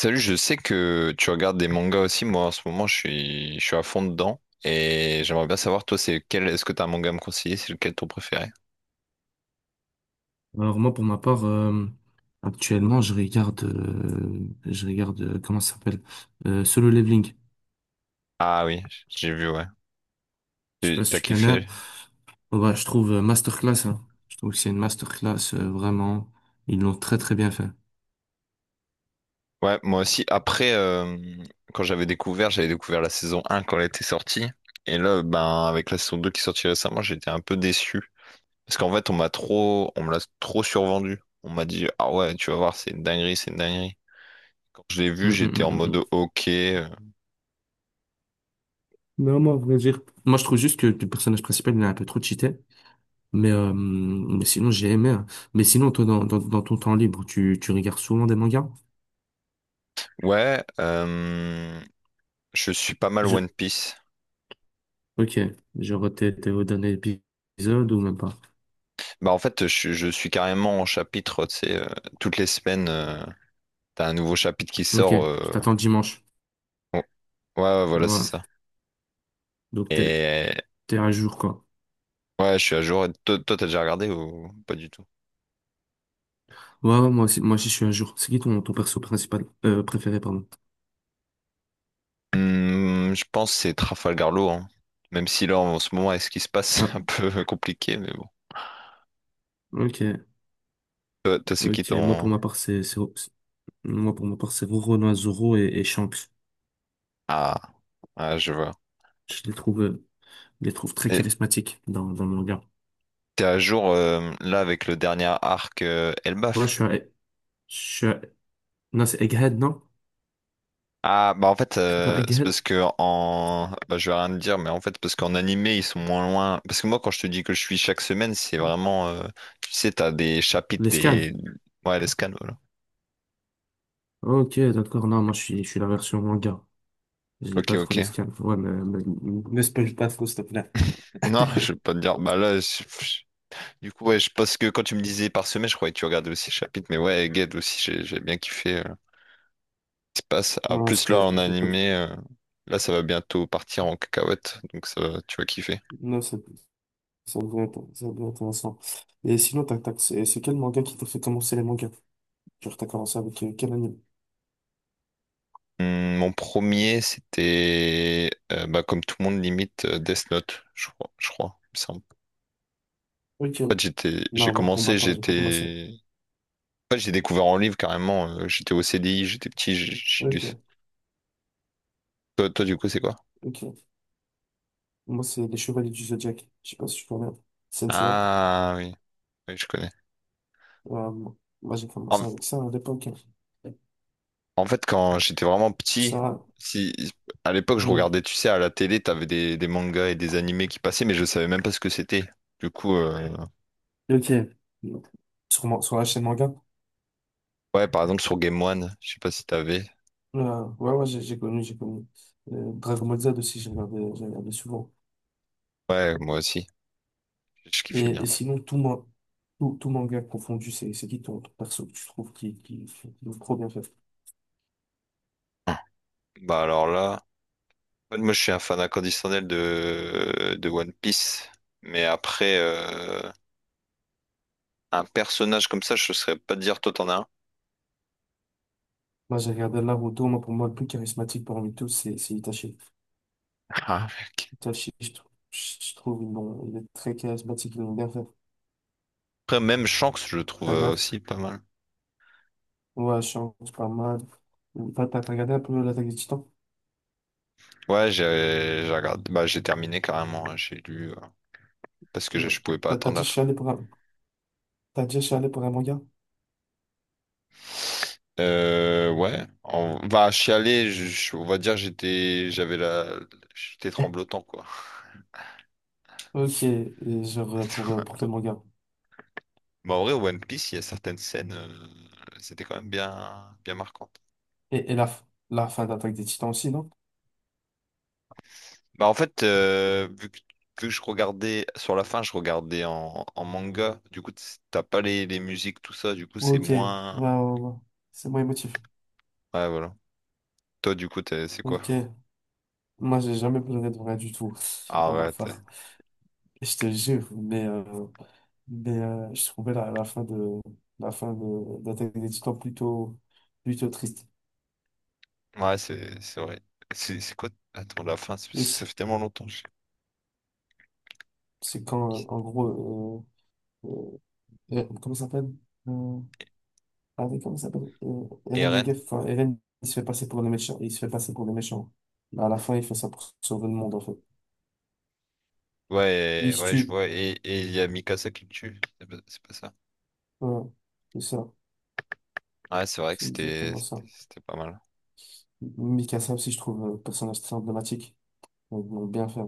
Salut, je sais que tu regardes des mangas aussi. Moi, en ce moment, je suis à fond dedans. Et j'aimerais bien savoir, toi, est-ce que t'as un manga à me conseiller? C'est lequel ton préféré? Alors moi pour ma part actuellement je regarde comment ça s'appelle Solo Leveling. Ah oui, j'ai vu, ouais. Je sais pas si T'as tu connais. kiffé? Je trouve masterclass, hein. Je trouve que c'est une masterclass vraiment. Ils l'ont très très bien fait. Ouais, moi aussi. Après, j'avais découvert la saison un quand elle était sortie. Et là, ben, avec la saison 2 qui est sortie récemment, j'étais un peu déçu. Parce qu'en fait, on me l'a trop survendu. On m'a dit, ah ouais, tu vas voir, c'est une dinguerie, c'est une dinguerie. Quand je l'ai vu, Hum, hum, j'étais hum, en hum, mode hum. ok. Non, moi, à vrai dire. Moi, je trouve juste que le personnage principal, il est un peu trop cheaté. Mais sinon, j'ai aimé, hein. Mais sinon, toi, dans ton temps libre, tu regardes souvent des mangas? Ouais, je suis pas mal Je... One Piece. Ok. Genre, t'es au dernier épisode ou même pas? Bah en fait, je suis carrément en chapitre, tu sais, toutes les semaines, t'as un nouveau chapitre qui Ok. sort. Tu t'attends le dimanche. Bon, ouais, ouais, voilà, c'est Ouais. ça. Donc Et t'es à jour quoi. ouais, je suis à jour. Et toi, toi, t'as déjà regardé ou pas du tout? Ouais, ouais, moi aussi je suis à jour. C'est qui ton perso principal préféré pardon. Je pense que c'est Trafalgar Law, hein. Même si là, en ce moment, avec ce qui se passe, Ah, c'est un peu compliqué, mais bon. ok, Toi, toi, c'est qui ok. Ton... Moi pour ma part c'est Roronoa Zoro et Shanks. Ah, ah, je vois. Je les trouve euh, je les trouve très Et charismatiques dans le manga. t'es à jour, là, avec le dernier arc Moi Elbaf, je suis à- non c'est Egghead non? ah bah en fait C'est pas c'est Egghead? parce que en bah, je vais rien te dire mais en fait parce qu'en animé ils sont moins loin parce que moi quand je te dis que je suis chaque semaine c'est vraiment tu sais t'as des chapitres L'esclave. des ouais, les scans, voilà. Ok d'accord, non moi je suis la version manga. Je lis Ok, pas ok, trop l'esclave. Ne spoil pas trop s'il te plaît. non, je vais pas te dire. Du coup, ouais, je pense que quand tu me disais par semaine, je croyais que tu regardais aussi les chapitres, mais ouais, Ged aussi, j'ai bien kiffé, ce qui se passe. Ah, en Non plus là c'était en animé, là ça va bientôt partir en cacahuète, donc tu vas kiffer. non c'est ça devrait être intéressant. Et sinon, tac, tac, c'est quel manga qui t'a fait commencer les mangas? Genre, t'as commencé avec quel anime? Mon premier, c'était bah, comme tout le monde limite Death Note, je crois, il me semble. Ok. En fait, j'étais, j'ai Non, moi, pour ma commencé, part, j'ai pas commencé. j'étais, en fait, j'ai découvert en livre carrément. J'étais au CDI, j'étais petit, j'ai lu ça. Ok, Toi, toi, du coup, c'est quoi? ok. Moi, c'est Les Chevaliers du Zodiaque. Je sais pas si tu connais. Sensei. Ah oui, oui, je connais. Euh, moi, j'ai commencé En, avec ça à l'époque. en fait, quand j'étais vraiment petit, Ça. si à l'époque je Hmm. regardais, tu sais, à la télé, t'avais des mangas et des animés qui passaient, mais je savais même pas ce que c'était. Du coup, Ok. Sur la chaîne manga? ouais, par exemple sur Game One, je sais pas si t'avais. Ouais, ouais, j'ai connu, j'ai connu. Dragon Ball Z aussi, j'ai regardé souvent. Ouais, moi aussi, je kiffais bien. Et sinon, tout, tout manga confondu, c'est qui ton perso que tu trouves qui est trop bien fait? Bah alors là, en fait, moi je suis un fan inconditionnel de One Piece, mais après, un personnage comme ça, je saurais pas te dire, toi t'en as un. Moi, j'ai regardé Naruto, moi, pour moi, le plus charismatique parmi tous, c'est Itachi. Ah, mec. Itachi, je trouve, il est très charismatique, ils l'ont bien fait. Après même Shanks, je le trouve, T'as regardé? aussi pas mal. Ouais, je change pas mal. T'as regardé un peu l'attaque des Titans? Ouais, j'ai regardé, bah j'ai terminé carrément, hein, j'ai lu, parce que je Non. pouvais pas T'as t'as attendre la déjà fin. chialé pour un, t'as déjà chialé pour un manga? Ouais, on va chialer, on va dire j'étais, j'étais tremblotant quoi. Ok, et genre, pour quel manga? Bah en vrai, One Piece, il y a certaines scènes, c'était quand même bien bien marquant. Et, la fin d'Attaque des Titans aussi, non? Bah en fait, vu que je regardais sur la fin, je regardais en, manga. Du coup, t'as pas les musiques, tout ça. Du coup, c'est Ok, ouais, moins. ouais, ouais. C'est moins émotif. Ouais, voilà. Toi, du coup, c'est quoi? Ok. Moi, j'ai jamais pleuré de vrai du tout. Bon, bah, Arrête. enfin, je te jure, mais, je trouvais la fin de d'Attaque des Titans plutôt triste. Ouais, c'est vrai. C'est quoi? Attends, la fin, Et c- ça fait tellement longtemps. Je... c'est quand, en gros, euh, comment ça s'appelle? Euh, ah oui, comment ça s'appelle? Eren Yeager, Eren? enfin, Eren, il se fait passer pour le méchant. Il se fait passer pour le méchant. Mais à la fin, il fait ça pour sauver le monde, en fait. Il Ouais, se ouais, je tue. vois. Et il y a Mikasa qui le tue. C'est pas ça. Voilà. C'est ça. Ouais, c'est vrai que C'est c'était exactement ça. c'était c'était pas mal. Mikasa aussi, je trouve, personnage très emblématique. Ils vont bien fait.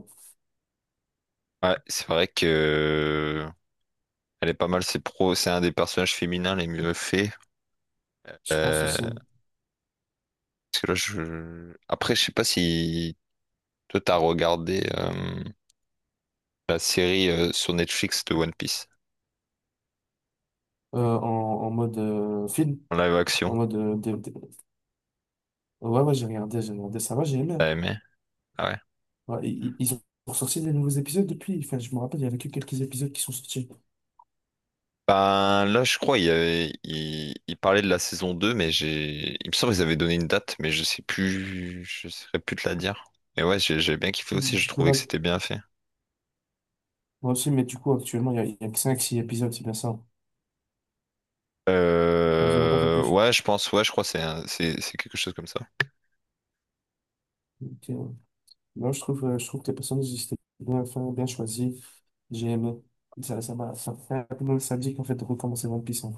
Ouais, c'est vrai que elle est pas mal. C'est pro. C'est un des personnages féminins les mieux faits. Je pense Euh, aussi. Parce que là, je... Après, je sais pas si toi, t'as regardé, la série, sur Netflix, de One Piece, Euh, en, en mode film. en live action. En mode. Dé- dé- Ouais, ouais, j'ai regardé ça, va, j'ai aimé, T'as hein. aimé? Ah ouais. Ouais, ils ont sorti des nouveaux épisodes depuis. Enfin, je me rappelle, il y avait que quelques épisodes qui sont sortis. Ben là, je crois, il parlait de la saison 2, mais j'ai... Il me semble qu'ils avaient donné une date, mais je sais plus... Je saurais plus te la dire. Mais ouais, j'ai bien kiffé aussi, je Du coup, trouvais là, que c'était bien fait. moi aussi, mais du coup, actuellement, il y a que 5-6 épisodes, c'est bien ça. Ils n'en ont pas fait plus. Ouais, je pense, ouais, je crois que c'est quelque chose comme ça. Donc, non, je trouve que les personnages, ils étaient bien faits, bien choisis. J'ai aimé. Ça fait un peu nostalgique, en fait, de recommencer One Piece, hein,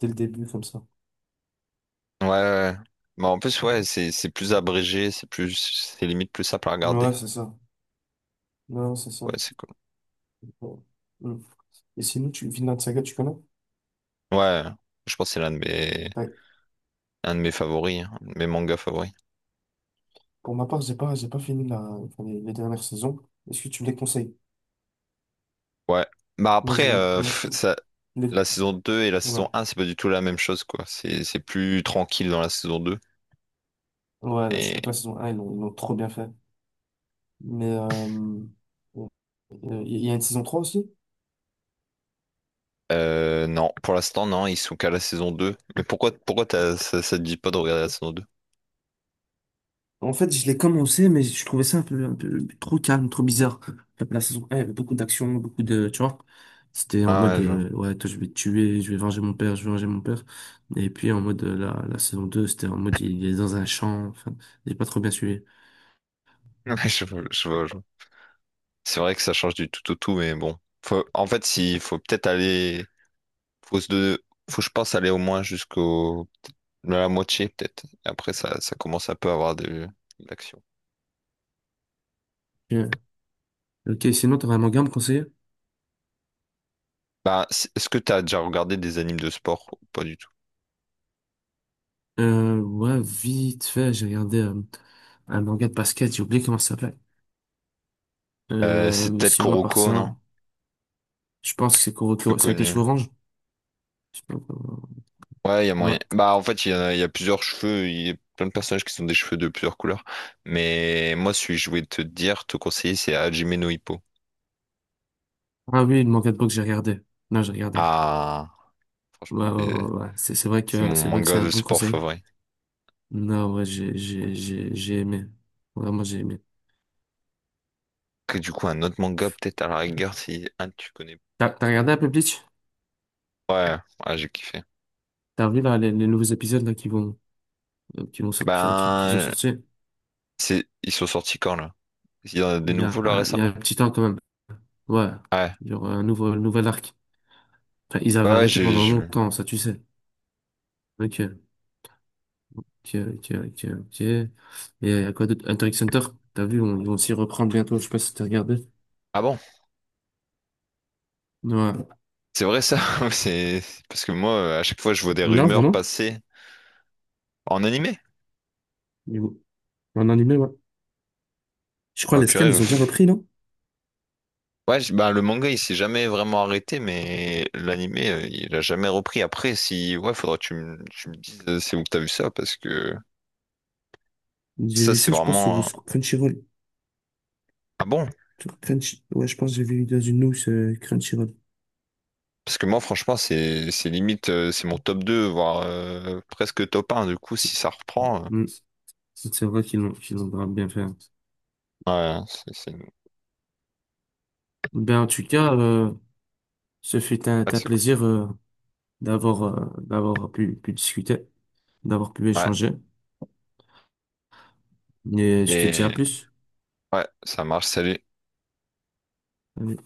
dès le début, comme ça. Ouais, ouais, ouais. Mais en plus, ouais, c'est plus abrégé, c'est plus... C'est limite plus simple à regarder. Ouais, c'est ça. Non, c'est ça. Ouais, c'est cool. Bon. Mm. Et sinon, Vinland Saga, tu connais? Ouais, je pense que c'est l'un Ouais. un de mes favoris, hein, un de mes mangas favoris. Pour ma part, j'ai pas fini les dernières saisons. Est-ce que tu me les conseilles? Ouais. Bah Moi, après, j'ai, moi, je trouve, les, la saison 2 et la ouais. saison un, c'est pas du tout la même chose, quoi. C'est plus tranquille dans la saison 2. Ouais, là, je Et trouve que la saison un ils l'ont trop bien fait. Mais, bon, il y a une saison 3 aussi? Non, pour l'instant, non, ils sont qu'à la saison 2. Mais pourquoi ça, ça te dit pas de regarder la saison deux? En fait, je l'ai commencé, mais je trouvais ça un peu trop calme, trop bizarre. La saison 1, il y avait beaucoup d'action, beaucoup de, tu vois. C'était en Ah mode, ouais, je vois. Ouais, toi, je vais te tuer, je vais venger mon père, je vais venger mon père. Et puis, en mode, la saison deux, c'était en mode, il est dans un champ. Enfin, j'ai pas trop bien suivi. Je vois, je vois, je vois. C'est vrai que ça change du tout au tout, mais bon. En fait, il faut peut-être aller. Faut, se de- Faut, je pense, aller au moins jusqu'au... La moitié, peut-être. Et après, ça commence un peu à avoir de l'action. Ok, ok, sinon, t'aurais un manga à me conseiller? Est-ce que t'as déjà regardé des animes de sport, ou pas du tout? Ouais, vite fait, j'ai regardé un manga de basket, j'ai oublié comment ça s'appelait. C'est Mais peut-être sinon, à part Kuroko, non? ça, je pense que c'est Plus Kuroko, c'est avec les connu. cheveux orange. Je sais pas comment- Ouais, il y a Ouais. moyen. Bah, en fait, il y a plusieurs cheveux. Il y a plein de personnages qui sont des cheveux de plusieurs couleurs. Mais moi, celui que je voulais te dire, te conseiller, c'est Hajime no Ippo. Ah oui, le manga de boxe, j'ai regardé. Non, j'ai regardé. Ah, franchement, Ouais, ouais, c'est ouais, ouais, ouais. C'est vrai c'est que, mon c'est vrai que c'est manga un de bon sport conseil. favori. Non, ouais, j'ai aimé. Vraiment, j'ai aimé. Que du coup, un autre manga, peut-être à la rigueur, si un tu connais T'as regardé un peu Bleach? pas. Ouais, ouais, j'ai kiffé. T'as vu, là, les nouveaux épisodes, là, qui vont sortir, enfin, qui sont Ben, sortis? Ils sont sortis quand là? Il y en a des Il y a, nouveaux là il y a récemment? un petit temps, quand même. Ouais. Ouais. Il y aura un nouvel arc. Enfin, ils Ouais, avaient ouais, arrêté pendant longtemps, ça tu sais. Ok, ok. Et à quoi d'autre? Hunter x Hunter, t'as vu, ils vont s'y reprendre bientôt, je sais pas si t'as regardé. ah bon? Ouais. C'est vrai ça? C'est... Parce que moi, à chaque fois, je vois des Non, rumeurs vraiment? passer en animé. Mais bon, en animé, ouais. Je crois Ah les scans, purée. ils ont déjà Pff. repris, non? Ouais, bah, le manga, il s'est jamais vraiment arrêté, mais l'animé, il a jamais repris. Après, si... Ouais, faudra que tu me dises, c'est où que t'as vu ça, parce que J'ai ça, vu c'est ça, je pense, vraiment... sur Crunchyroll. Ah bon? Sur Crunch... Ouais, je pense que j'ai vu dans une news Crunchyroll. Parce que moi, franchement, c'est limite, c'est mon top deux, voire presque top un. Du coup, si ça reprend... Mm. C'est vrai qu'ils l'ont grave bien fait. Ouais, ouais, Ben, en tout cas, un c'est cool. plaisir d'avoir pu discuter, d'avoir pu Ouais. échanger. Et je te dis à Et plus. ouais, ça marche. Salut. Allez.